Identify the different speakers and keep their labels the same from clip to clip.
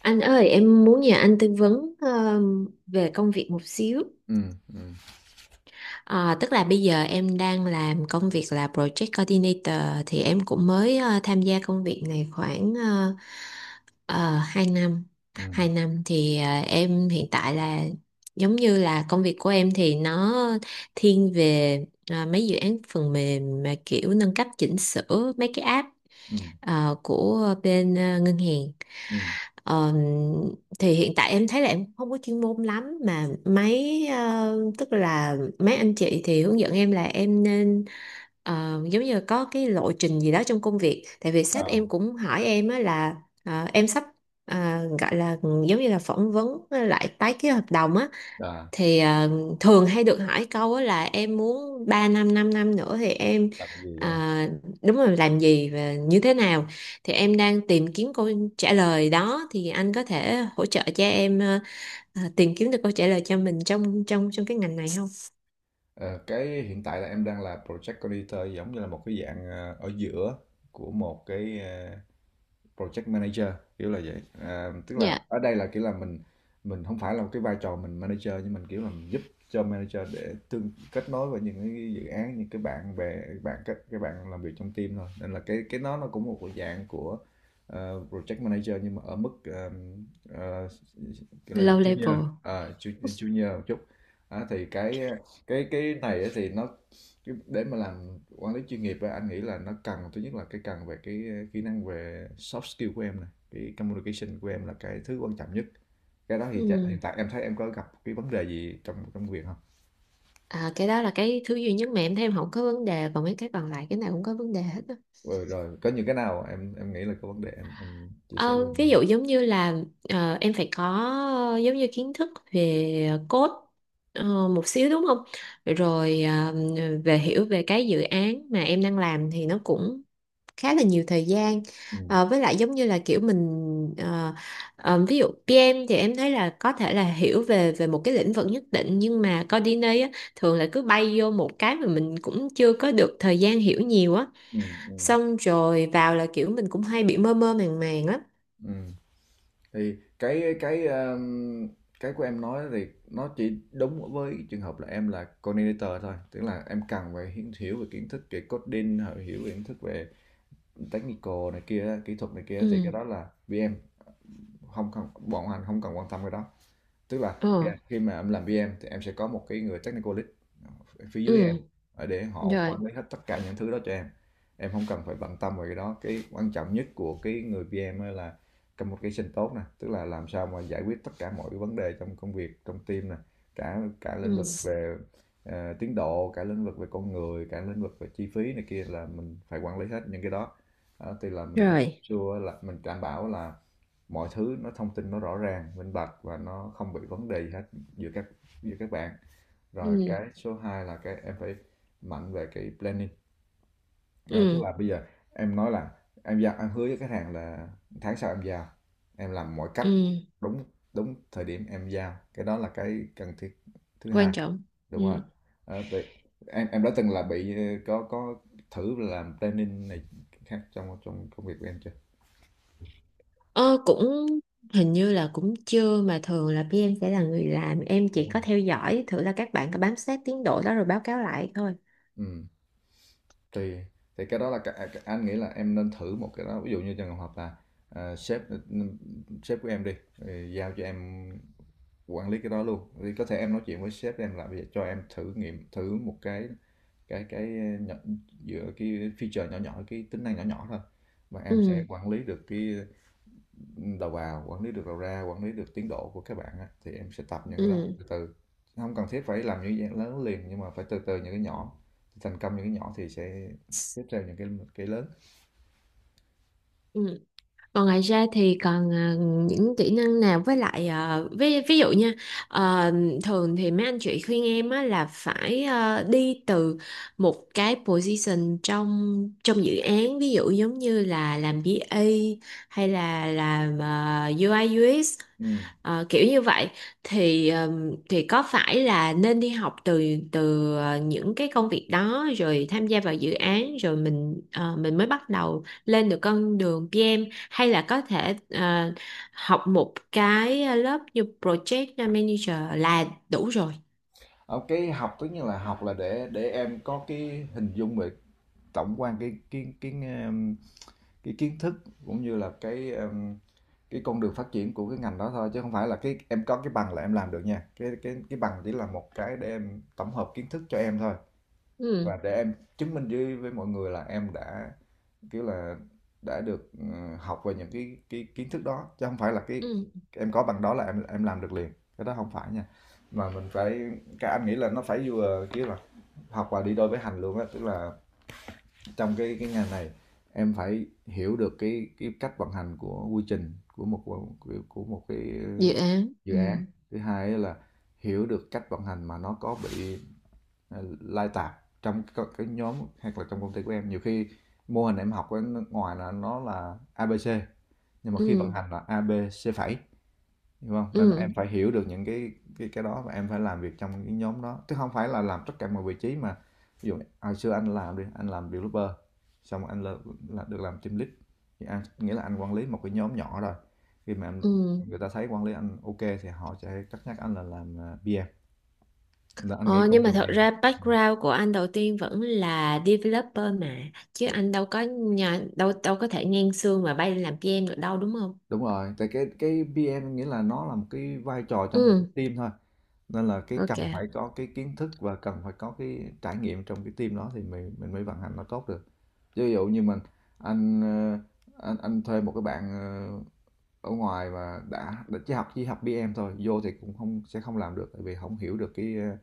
Speaker 1: Anh ơi, em muốn nhờ anh tư vấn về công việc một xíu.
Speaker 2: Ừm, ừm,
Speaker 1: Ờ, Tức là bây giờ em đang làm công việc là Project Coordinator thì em cũng mới tham gia công việc này khoảng 2 năm.
Speaker 2: ừm,
Speaker 1: Hai năm thì em hiện tại là giống như là công việc của em thì nó thiên về mấy dự án phần mềm mà kiểu nâng cấp chỉnh sửa mấy cái app
Speaker 2: ừm,
Speaker 1: của bên ngân hàng.
Speaker 2: ừm,
Speaker 1: Ờ, thì hiện tại em thấy là em không có chuyên môn lắm, mà mấy tức là mấy anh chị thì hướng dẫn em là em nên giống như là có cái lộ trình gì đó trong công việc, tại vì
Speaker 2: ờ,
Speaker 1: sếp em cũng hỏi em á là em sắp ờ, gọi là giống như là phỏng vấn lại tái ký hợp đồng á,
Speaker 2: là
Speaker 1: thì thường hay được hỏi câu á là em muốn 3 năm 5 năm nữa thì em
Speaker 2: là tại vì, đúng hông?
Speaker 1: ờ, đúng rồi làm gì và như thế nào, thì em đang tìm kiếm câu trả lời đó. Thì anh có thể hỗ trợ cho em tìm kiếm được câu trả lời cho mình trong trong trong cái ngành này không?
Speaker 2: Ờ, cái hiện tại là em đang là project coordinator giống như là một cái dạng, ở giữa của một cái, project manager kiểu là vậy à, tức là
Speaker 1: Dạ,
Speaker 2: ở đây là kiểu là mình không phải là một cái vai trò mình manager nhưng mình kiểu là mình giúp cho manager để tương kết nối với những cái dự án những cái bạn bè bạn các bạn làm việc trong team thôi nên là cái nó cũng một dạng của project manager nhưng mà ở mức ờ, kiểu là
Speaker 1: low
Speaker 2: junior,
Speaker 1: level.
Speaker 2: junior một chút. Đó, thì cái này á thì nó cái để mà làm quản lý chuyên nghiệp á, anh nghĩ là nó cần thứ nhất là cái cần về cái kỹ năng về soft skill của em này, cái communication của em là cái thứ quan trọng nhất. Cái đó thì hiện
Speaker 1: Ừ.
Speaker 2: tại em thấy em có gặp cái vấn đề gì trong trong việc không?
Speaker 1: À, cái đó là cái thứ duy nhất mà em thấy em không có vấn đề, còn mấy cái còn lại cái nào cũng có vấn đề hết.
Speaker 2: Rồi, rồi có những cái nào em nghĩ là có vấn đề em chia sẻ với
Speaker 1: Ờ,
Speaker 2: anh.
Speaker 1: ví dụ giống như là em phải có giống như kiến thức về code một xíu, đúng không? Rồi về hiểu về cái dự án mà em đang làm thì nó cũng khá là nhiều thời gian.
Speaker 2: Ừ.
Speaker 1: Ờ, với lại giống như là kiểu mình ví dụ PM thì em thấy là có thể là hiểu về về một cái lĩnh vực nhất định, nhưng mà coordinator á, thường là cứ bay vô một cái mà mình cũng chưa có được thời gian hiểu nhiều á.
Speaker 2: Ừ. Ừ.
Speaker 1: Xong rồi vào là kiểu mình cũng hay bị mơ mơ màng màng á.
Speaker 2: Ừ. Thì cái của em nói thì nó chỉ đúng với trường hợp là em là coordinator thôi, tức là em cần phải hiểu về kiến thức về coding, hiểu hiểu về kiến thức về technical này kia kỹ thuật này kia thì cái
Speaker 1: Ừ.
Speaker 2: đó là VM. Không không bọn anh không cần quan tâm cái đó, tức là
Speaker 1: Ờ.
Speaker 2: khi mà em làm PM thì em sẽ có một cái người technical lead ở phía dưới em,
Speaker 1: Ừ,
Speaker 2: ở để họ
Speaker 1: rồi.
Speaker 2: quản lý hết tất cả những thứ đó cho em. Em không cần phải bận tâm về cái đó. Cái quan trọng nhất của cái người PM á là communication tốt nè, tức là làm sao mà giải quyết tất cả mọi cái vấn đề trong công việc trong team nè, cả cả lĩnh
Speaker 1: Ừ,
Speaker 2: vực về tiến độ, cả lĩnh vực về con người, cả lĩnh vực về chi phí này kia, là mình phải quản lý hết những cái đó. Đó, thì là mình bắt
Speaker 1: rồi.
Speaker 2: sure là mình đảm bảo là mọi thứ nó thông tin nó rõ ràng minh bạch và nó không bị vấn đề gì hết giữa các bạn rồi
Speaker 1: Ừ.
Speaker 2: cái số 2 là cái em phải mạnh về cái planning. À, tức
Speaker 1: Ừ.
Speaker 2: là bây giờ em nói là em giao, em hứa với khách hàng là tháng sau em giao, em làm mọi cách
Speaker 1: Ừ,
Speaker 2: đúng đúng thời điểm em giao, cái đó là cái cần thiết thứ hai,
Speaker 1: quan trọng. Ừ.
Speaker 2: đúng rồi. Ờ, vậy em đã từng là bị có thử làm planning này khác trong trong công việc của em chưa?
Speaker 1: ờ cũng hình như là cũng chưa, mà thường là pê em sẽ là người làm, em chỉ có theo dõi thử là các bạn có bám sát tiến độ đó rồi báo cáo lại thôi.
Speaker 2: Ừ. Tùy, thì cái đó là cả, cả, anh nghĩ là em nên thử một cái đó, ví dụ như trường hợp là sếp sếp của em đi giao cho em quản lý cái đó luôn thì có thể em nói chuyện với sếp em là bây giờ cho em thử nghiệm thử một cái nhỏ, giữa cái feature nhỏ nhỏ, cái tính năng nhỏ nhỏ thôi, và em sẽ
Speaker 1: Ừ.
Speaker 2: quản lý được cái đầu vào, quản lý được đầu ra, quản lý được tiến độ của các bạn á, thì em sẽ tập những cái đó
Speaker 1: Ừ.
Speaker 2: từ từ, không cần thiết phải làm những cái lớn liền nhưng mà phải từ từ những cái nhỏ, thành công những cái nhỏ thì sẽ tiếp theo những cái lớn.
Speaker 1: Ừ. Còn ngoài ra thì còn à, những kỹ năng nào? Với lại à, ví dụ nha, à, thường thì mấy anh chị khuyên em á, là phải à, đi từ một cái position trong trong dự án, ví dụ giống như là làm B/A hay là làm à, UI UX.
Speaker 2: Ừ.
Speaker 1: Ờ, kiểu như vậy thì có phải là nên đi học từ từ những cái công việc đó rồi tham gia vào dự án rồi mình mình mới bắt đầu lên được con đường PM, hay là có thể học một cái lớp như project manager là đủ rồi.
Speaker 2: Ờ, cái học tất như là học là để em có cái hình dung về tổng quan um, cái kiến thức, cũng như là cái con đường phát triển của cái ngành đó thôi, chứ không phải là cái em có cái bằng là em làm được nha. Cái bằng chỉ là một cái để em tổng hợp kiến thức cho em thôi,
Speaker 1: Ừ.
Speaker 2: và để em chứng minh với mọi người là em đã kiểu là đã được, học về những cái kiến thức đó, chứ không phải là cái
Speaker 1: Ừ,
Speaker 2: em có bằng đó là em làm được liền, cái đó không phải nha. Mà mình phải, các anh nghĩ là nó phải vừa kiểu là học và đi đôi với hành luôn á, tức là trong cái ngành này em phải hiểu được cái cách vận hành của quy trình của một cái
Speaker 1: dự án.
Speaker 2: dự
Speaker 1: Ừ.
Speaker 2: án. Thứ hai á là hiểu được cách vận hành mà nó có bị lai tạp trong cái nhóm, hoặc là trong công ty của em. Nhiều khi mô hình em học ở nước ngoài là nó là A ABC nhưng mà khi vận
Speaker 1: Ừ,
Speaker 2: hành là A ABC phẩy, hiểu không, nên là
Speaker 1: ừ,
Speaker 2: em phải hiểu được những cái đó và em phải làm việc trong cái nhóm đó, chứ không phải là làm tất cả mọi vị trí. Mà ví dụ hồi xưa anh làm đi, anh làm developer, xong rồi được làm team lead thì anh nghĩa là anh quản lý một cái nhóm nhỏ rồi. khi mà em-
Speaker 1: ừ.
Speaker 2: Người ta thấy quản lý anh ok thì họ sẽ cất nhắc anh là làm PM, là anh nghĩ
Speaker 1: Ờ, nhưng
Speaker 2: con
Speaker 1: mà
Speaker 2: đường
Speaker 1: thật
Speaker 2: này.
Speaker 1: ra background của anh đầu tiên vẫn là developer mà, chứ anh đâu có nhà, đâu đâu có thể ngang xương mà bay làm PM được đâu, đúng không?
Speaker 2: Đúng rồi, tại cái PM nghĩa là nó là một cái vai trò trong một cái
Speaker 1: Ừ,
Speaker 2: team thôi. Nên là cái cần phải
Speaker 1: ok.
Speaker 2: có cái kiến thức và cần phải có cái trải nghiệm trong cái team đó thì mình mới vận hành nó tốt được. Chứ ví dụ như mình, anh ờ, anh thuê một cái bạn ở ngoài mà đã chỉ học PM thôi, vô thì cũng không sẽ không làm được, tại vì không hiểu được cái ờ,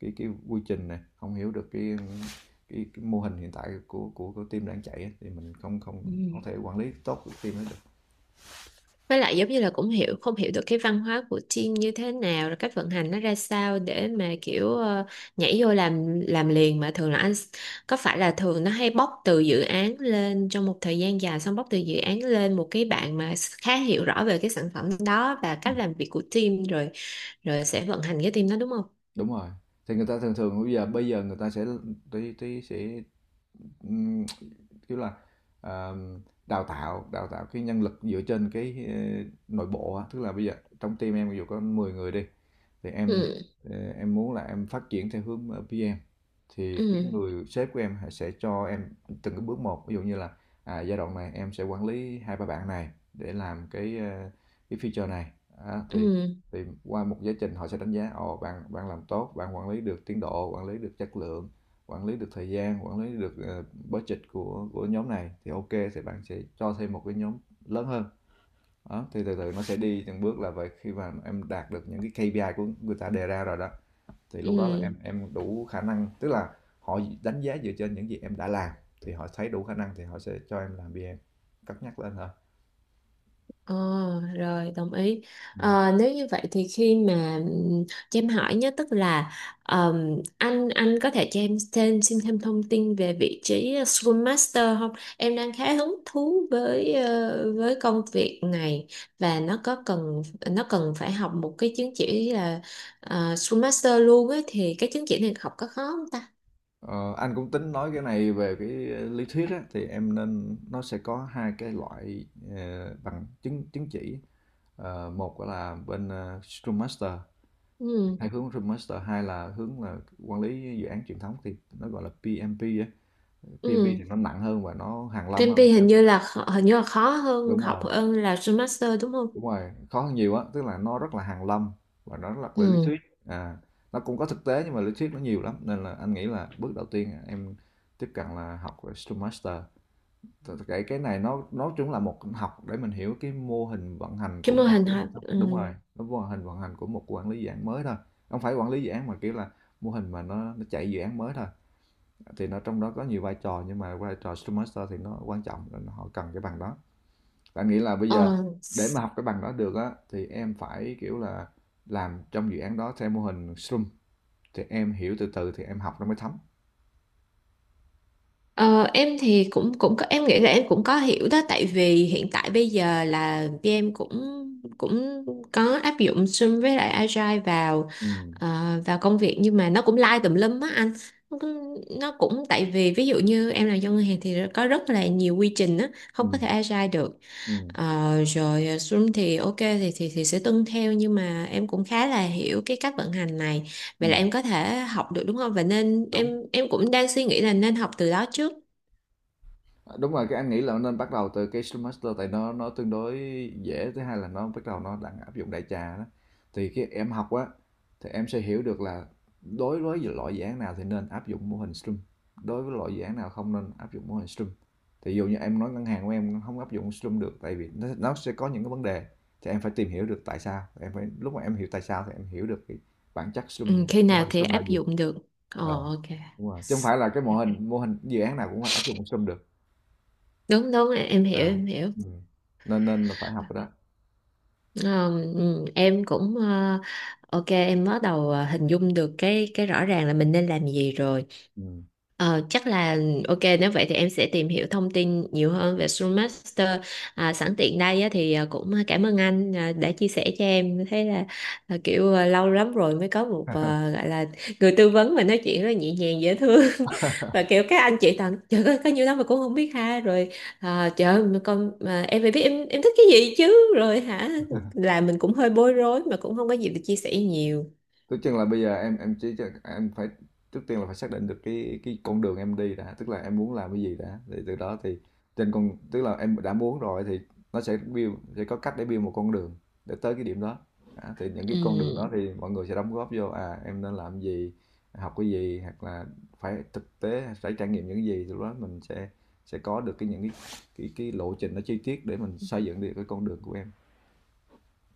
Speaker 2: cái cái quy trình này, không hiểu được cái mô hình hiện tại của team đang chạy á, thì mình không không
Speaker 1: Ừ.
Speaker 2: không thể quản lý tốt được team hết được.
Speaker 1: Với lại giống như là cũng hiểu không hiểu được cái văn hóa của team như thế nào, rồi cách vận hành nó ra sao để mà kiểu nhảy vô làm liền, mà thường là có phải là thường nó hay bóc từ dự án lên trong một thời gian dài, xong bóc từ dự án lên một cái bạn mà khá hiểu rõ về cái sản phẩm đó và cách làm việc của team rồi, rồi sẽ vận hành cái team đó, đúng không?
Speaker 2: Đúng rồi, thì người ta thường thường bây giờ người ta sẽ tí tí sẽ, ừm, kiểu là, ờ, đào tạo cái nhân lực dựa trên cái, nội bộ á, tức là bây giờ trong team em ví dụ có 10 người đi thì
Speaker 1: Ừ.
Speaker 2: em muốn là em phát triển theo hướng, PM, thì
Speaker 1: Ừ.
Speaker 2: cái người sếp của em sẽ cho em từng cái bước một. Ví dụ như là à, giai đoạn này em sẽ quản lý hai ba bạn này để làm cái feature này. Đó, thì
Speaker 1: Ừ.
Speaker 2: qua một giáo trình họ sẽ đánh giá, ồ bạn bạn làm tốt, bạn quản lý được tiến độ, quản lý được chất lượng, quản lý được thời gian, quản lý được budget của nhóm này, thì ok thì bạn sẽ cho thêm một cái nhóm lớn hơn. Đó, thì từ từ nó sẽ đi từng bước là vậy. Khi mà em đạt được những cái KPI của người ta đề ra rồi đó, thì lúc đó là
Speaker 1: Ừ.
Speaker 2: em đủ khả năng, tức là họ đánh giá dựa trên những gì em đã làm, thì họ thấy đủ khả năng thì họ sẽ cho em làm BM, cất nhắc lên hả.
Speaker 1: Ờ, rồi, đồng ý.
Speaker 2: Ừ.
Speaker 1: Ờ, nếu như vậy thì khi mà cho em hỏi nhé, tức là anh có thể cho em thêm xin thêm thông tin về vị trí Scrum Master không? Em đang khá hứng thú với với công việc này, và nó có cần, nó cần phải học một cái chứng chỉ là Scrum Master luôn ấy, thì cái chứng chỉ này học có khó không ta?
Speaker 2: Ờ, anh cũng tính nói cái này về cái lý thuyết á, thì em nên, nó sẽ có hai cái loại bằng, chứng chứng chỉ. Ờ, một là bên Scrum Master,
Speaker 1: Ừ.
Speaker 2: hai là hướng là quản lý dự án truyền thống thì nó gọi là PMP á. PMP
Speaker 1: Ừ.
Speaker 2: thì nó nặng hơn và nó hàn lâm hơn.
Speaker 1: PMP hình như là hình như là khó hơn
Speaker 2: Đúng
Speaker 1: học
Speaker 2: rồi,
Speaker 1: hơn là Scrum Master, đúng không?
Speaker 2: đúng rồi, khó hơn nhiều á, tức là nó rất là hàn lâm và nó rất là lý
Speaker 1: Ừ.
Speaker 2: thuyết. À, nó cũng có thực tế nhưng mà lý thuyết nó nhiều lắm, nên là anh nghĩ là bước đầu tiên em tiếp cận là học về Scrum Master. Cái cái này nó cũng là một học để mình hiểu cái mô hình vận hành
Speaker 1: Cái
Speaker 2: của
Speaker 1: mô
Speaker 2: một
Speaker 1: hình
Speaker 2: cái hệ
Speaker 1: học
Speaker 2: thống,
Speaker 1: ừ.
Speaker 2: đúng rồi, nó mô hình vận hành của một quản lý dự án mới thôi. Không phải quản lý dự án mà kiểu là mô hình mà nó chạy dự án mới thôi. Thì nó trong đó có nhiều vai trò nhưng mà vai trò Scrum Master thì nó quan trọng nên họ cần cái bằng đó. Bạn nghĩ là bây giờ
Speaker 1: Ờ,
Speaker 2: để mà
Speaker 1: s-
Speaker 2: học cái bằng đó được á thì em phải kiểu là làm trong dự án đó theo mô hình Scrum thì em hiểu từ từ thì em học nó mới thấm.
Speaker 1: ờ, em thì cũng cũng có, em nghĩ là em cũng có hiểu đó, tại vì hiện tại bây giờ là em cũng cũng có áp dụng Scrum với lại Agile vào
Speaker 2: Ừ,
Speaker 1: ờ, vào công việc, nhưng mà nó cũng lai tùm lum á anh, tại vì ví dụ như em làm trong ngân hàng thì có rất là nhiều quy trình á,
Speaker 2: ừ,
Speaker 1: không có thể Agile được.
Speaker 2: ừ,
Speaker 1: Ờ, rồi à, Xuân thì ok thì thì sẽ tuân theo, nhưng mà em cũng khá là hiểu cái cách vận hành này,
Speaker 2: ừ.
Speaker 1: vậy là em có thể học được đúng không? Và nên em
Speaker 2: Đúng.
Speaker 1: cũng đang suy nghĩ là nên học từ đó trước.
Speaker 2: Đúng rồi, cái anh nghĩ là nên bắt đầu từ cái Scrum Master tại nó tương đối dễ. Thứ hai là nó bắt đầu nó đang áp dụng đại trà đó, thì cái em học á thì em sẽ hiểu được là đối với loại dự án nào thì nên áp dụng mô hình Scrum, đối với loại dự án nào không nên áp dụng mô hình Scrum. Thì dụ như em nói ngân hàng của em không áp dụng Scrum được tại vì nó sẽ có những cái vấn đề, thì em phải tìm hiểu được tại sao. Em phải lúc mà em hiểu tại sao thì em hiểu được cái bản chất
Speaker 1: Ừ,
Speaker 2: Scrum,
Speaker 1: khi
Speaker 2: mô
Speaker 1: nào
Speaker 2: hình
Speaker 1: thì
Speaker 2: Scrum là
Speaker 1: áp
Speaker 2: gì.
Speaker 1: dụng được. Ờ,
Speaker 2: ờ,
Speaker 1: ok.
Speaker 2: Đúng rồi, chứ không phải là cái mô hình dự án nào cũng áp dụng Scrum được.
Speaker 1: Đúng đúng, em hiểu
Speaker 2: À.
Speaker 1: em hiểu.
Speaker 2: Ừm, Nên nên là phải học rồi đó.
Speaker 1: Ờ, ừ, em cũng ờ, ok, em bắt đầu hình dung được cái rõ ràng là mình nên làm gì rồi.
Speaker 2: Ừm.
Speaker 1: Ờ, chắc là ok, nếu vậy thì em sẽ tìm hiểu thông tin nhiều hơn về Scrum Master. À, sẵn tiện đây á, thì à, cũng cảm ơn anh à, đã chia sẻ cho em. Thế là à, kiểu à, lâu lắm rồi mới có một à, gọi là người tư vấn mà nói chuyện rất là nhẹ nhàng dễ thương và kiểu các anh chị toàn trời ơi có nhiều lắm mà cũng không biết, ha rồi à, trời ơi mà con mà em phải biết em thích cái gì chứ, rồi hả, là mình cũng hơi bối rối mà cũng không có gì để chia sẻ nhiều.
Speaker 2: Tức chừng là bây giờ em chỉ em phải, trước tiên là phải xác định được cái con đường em đi đã, tức là em muốn làm cái gì đã, thì từ đó thì trên con, tức là em đã muốn rồi thì nó sẽ build, sẽ có cách để build một con đường để tới cái điểm đó. Đã, thì những cái con đường đó thì mọi người sẽ đóng góp vô à em nên làm gì, học cái gì, hoặc là phải thực tế, phải trải nghiệm những cái gì, thì lúc đó mình sẽ có được cái những cái lộ trình nó chi tiết để mình xây dựng được cái con đường của em.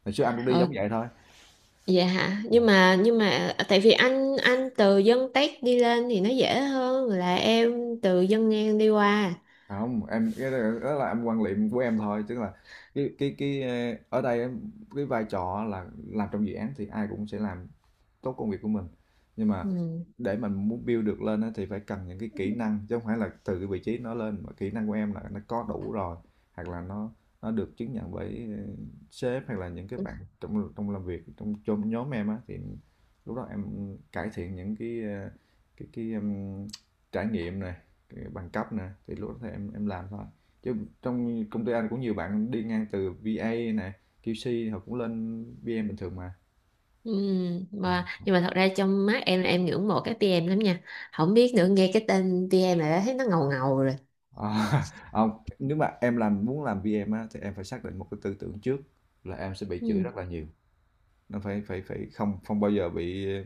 Speaker 2: Hồi trước anh cũng đi giống
Speaker 1: Ừ.
Speaker 2: vậy thôi.
Speaker 1: Dạ hả? Nhưng mà à, tại vì anh từ dân Tết đi lên thì nó dễ hơn là em từ dân ngang đi qua.
Speaker 2: Không, em cái đó đó là em quan niệm của em thôi, tức là cái ở đây em- cái vai trò là làm trong dự án thì ai cũng sẽ làm tốt công việc của mình. Nhưng mà
Speaker 1: Ừ.
Speaker 2: để mình muốn build được lên thì phải cần những cái kỹ năng, chứ không phải là từ cái vị trí nó lên mà kỹ năng của em là nó có đủ rồi, hoặc là nó được chứng nhận bởi sếp hoặc là những cái bạn trong trong làm việc trong trong nhóm em á, thì lúc đó em cải thiện những cái cái trải nghiệm này, cái bằng cấp nè, thì lúc đó thì em làm thôi, chứ trong công ty anh cũng nhiều bạn đi ngang từ VA này, QC họ cũng lên PM bình thường mà.
Speaker 1: Ừ.
Speaker 2: Ờ.
Speaker 1: Mà, nhưng mà thật ra trong mắt em là em ngưỡng mộ cái pê em lắm nha. Không biết nữa, nghe cái tên pê em là đã thấy nó ngầu ngầu rồi.
Speaker 2: À, hông, nếu mà em làm muốn làm VM á, thì em phải xác định một cái tư tưởng trước là em sẽ bị chửi
Speaker 1: Ừ.
Speaker 2: rất là nhiều, nó phải phải phải không không bao giờ bị,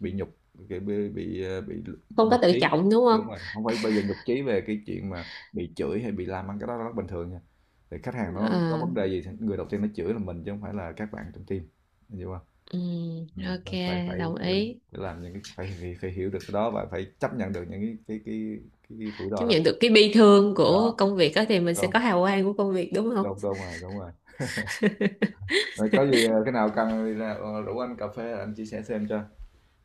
Speaker 2: bị nhục, kiểu, bị nhục
Speaker 1: Không có
Speaker 2: nhụt
Speaker 1: tự
Speaker 2: chí.
Speaker 1: trọng đúng
Speaker 2: Đúng
Speaker 1: không?
Speaker 2: rồi, không phải bao giờ nhục chí về cái chuyện mà bị chửi hay bị làm mắng, cái đó rất bình thường nha. Thì khách hàng nó có
Speaker 1: Ờ,
Speaker 2: vấn đề gì thì người đầu tiên nó chửi là mình, chứ không phải là các bạn trong team, em hiểu hông?
Speaker 1: ừ, ok,
Speaker 2: Nên phải phải
Speaker 1: đồng
Speaker 2: phải
Speaker 1: ý.
Speaker 2: phải làm những cái, phải phải phải hiểu được cái đó và phải chấp nhận được những cái rủi
Speaker 1: Chấp
Speaker 2: ro đó.
Speaker 1: nhận được cái bi thương
Speaker 2: Đó,
Speaker 1: của công việc đó thì mình sẽ có
Speaker 2: đúng.
Speaker 1: hào quang của công việc, đúng không?
Speaker 2: Đúng rồi. Rồi có gì cái nào cần thì là rủ anh cà phê anh chia sẻ xem cho.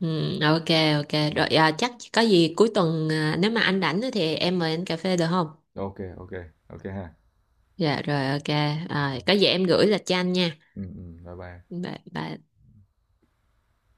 Speaker 1: Ừ, ok. Ok rồi à, chắc có gì cuối tuần à, nếu mà anh rảnh á thì em mời anh cà phê được không?
Speaker 2: Ok, ok. Ok ha.
Speaker 1: Dạ rồi, ok. À, có gì em gửi lịch cho anh nha.
Speaker 2: Ừ, ừ, bye bye.
Speaker 1: Bye, bye.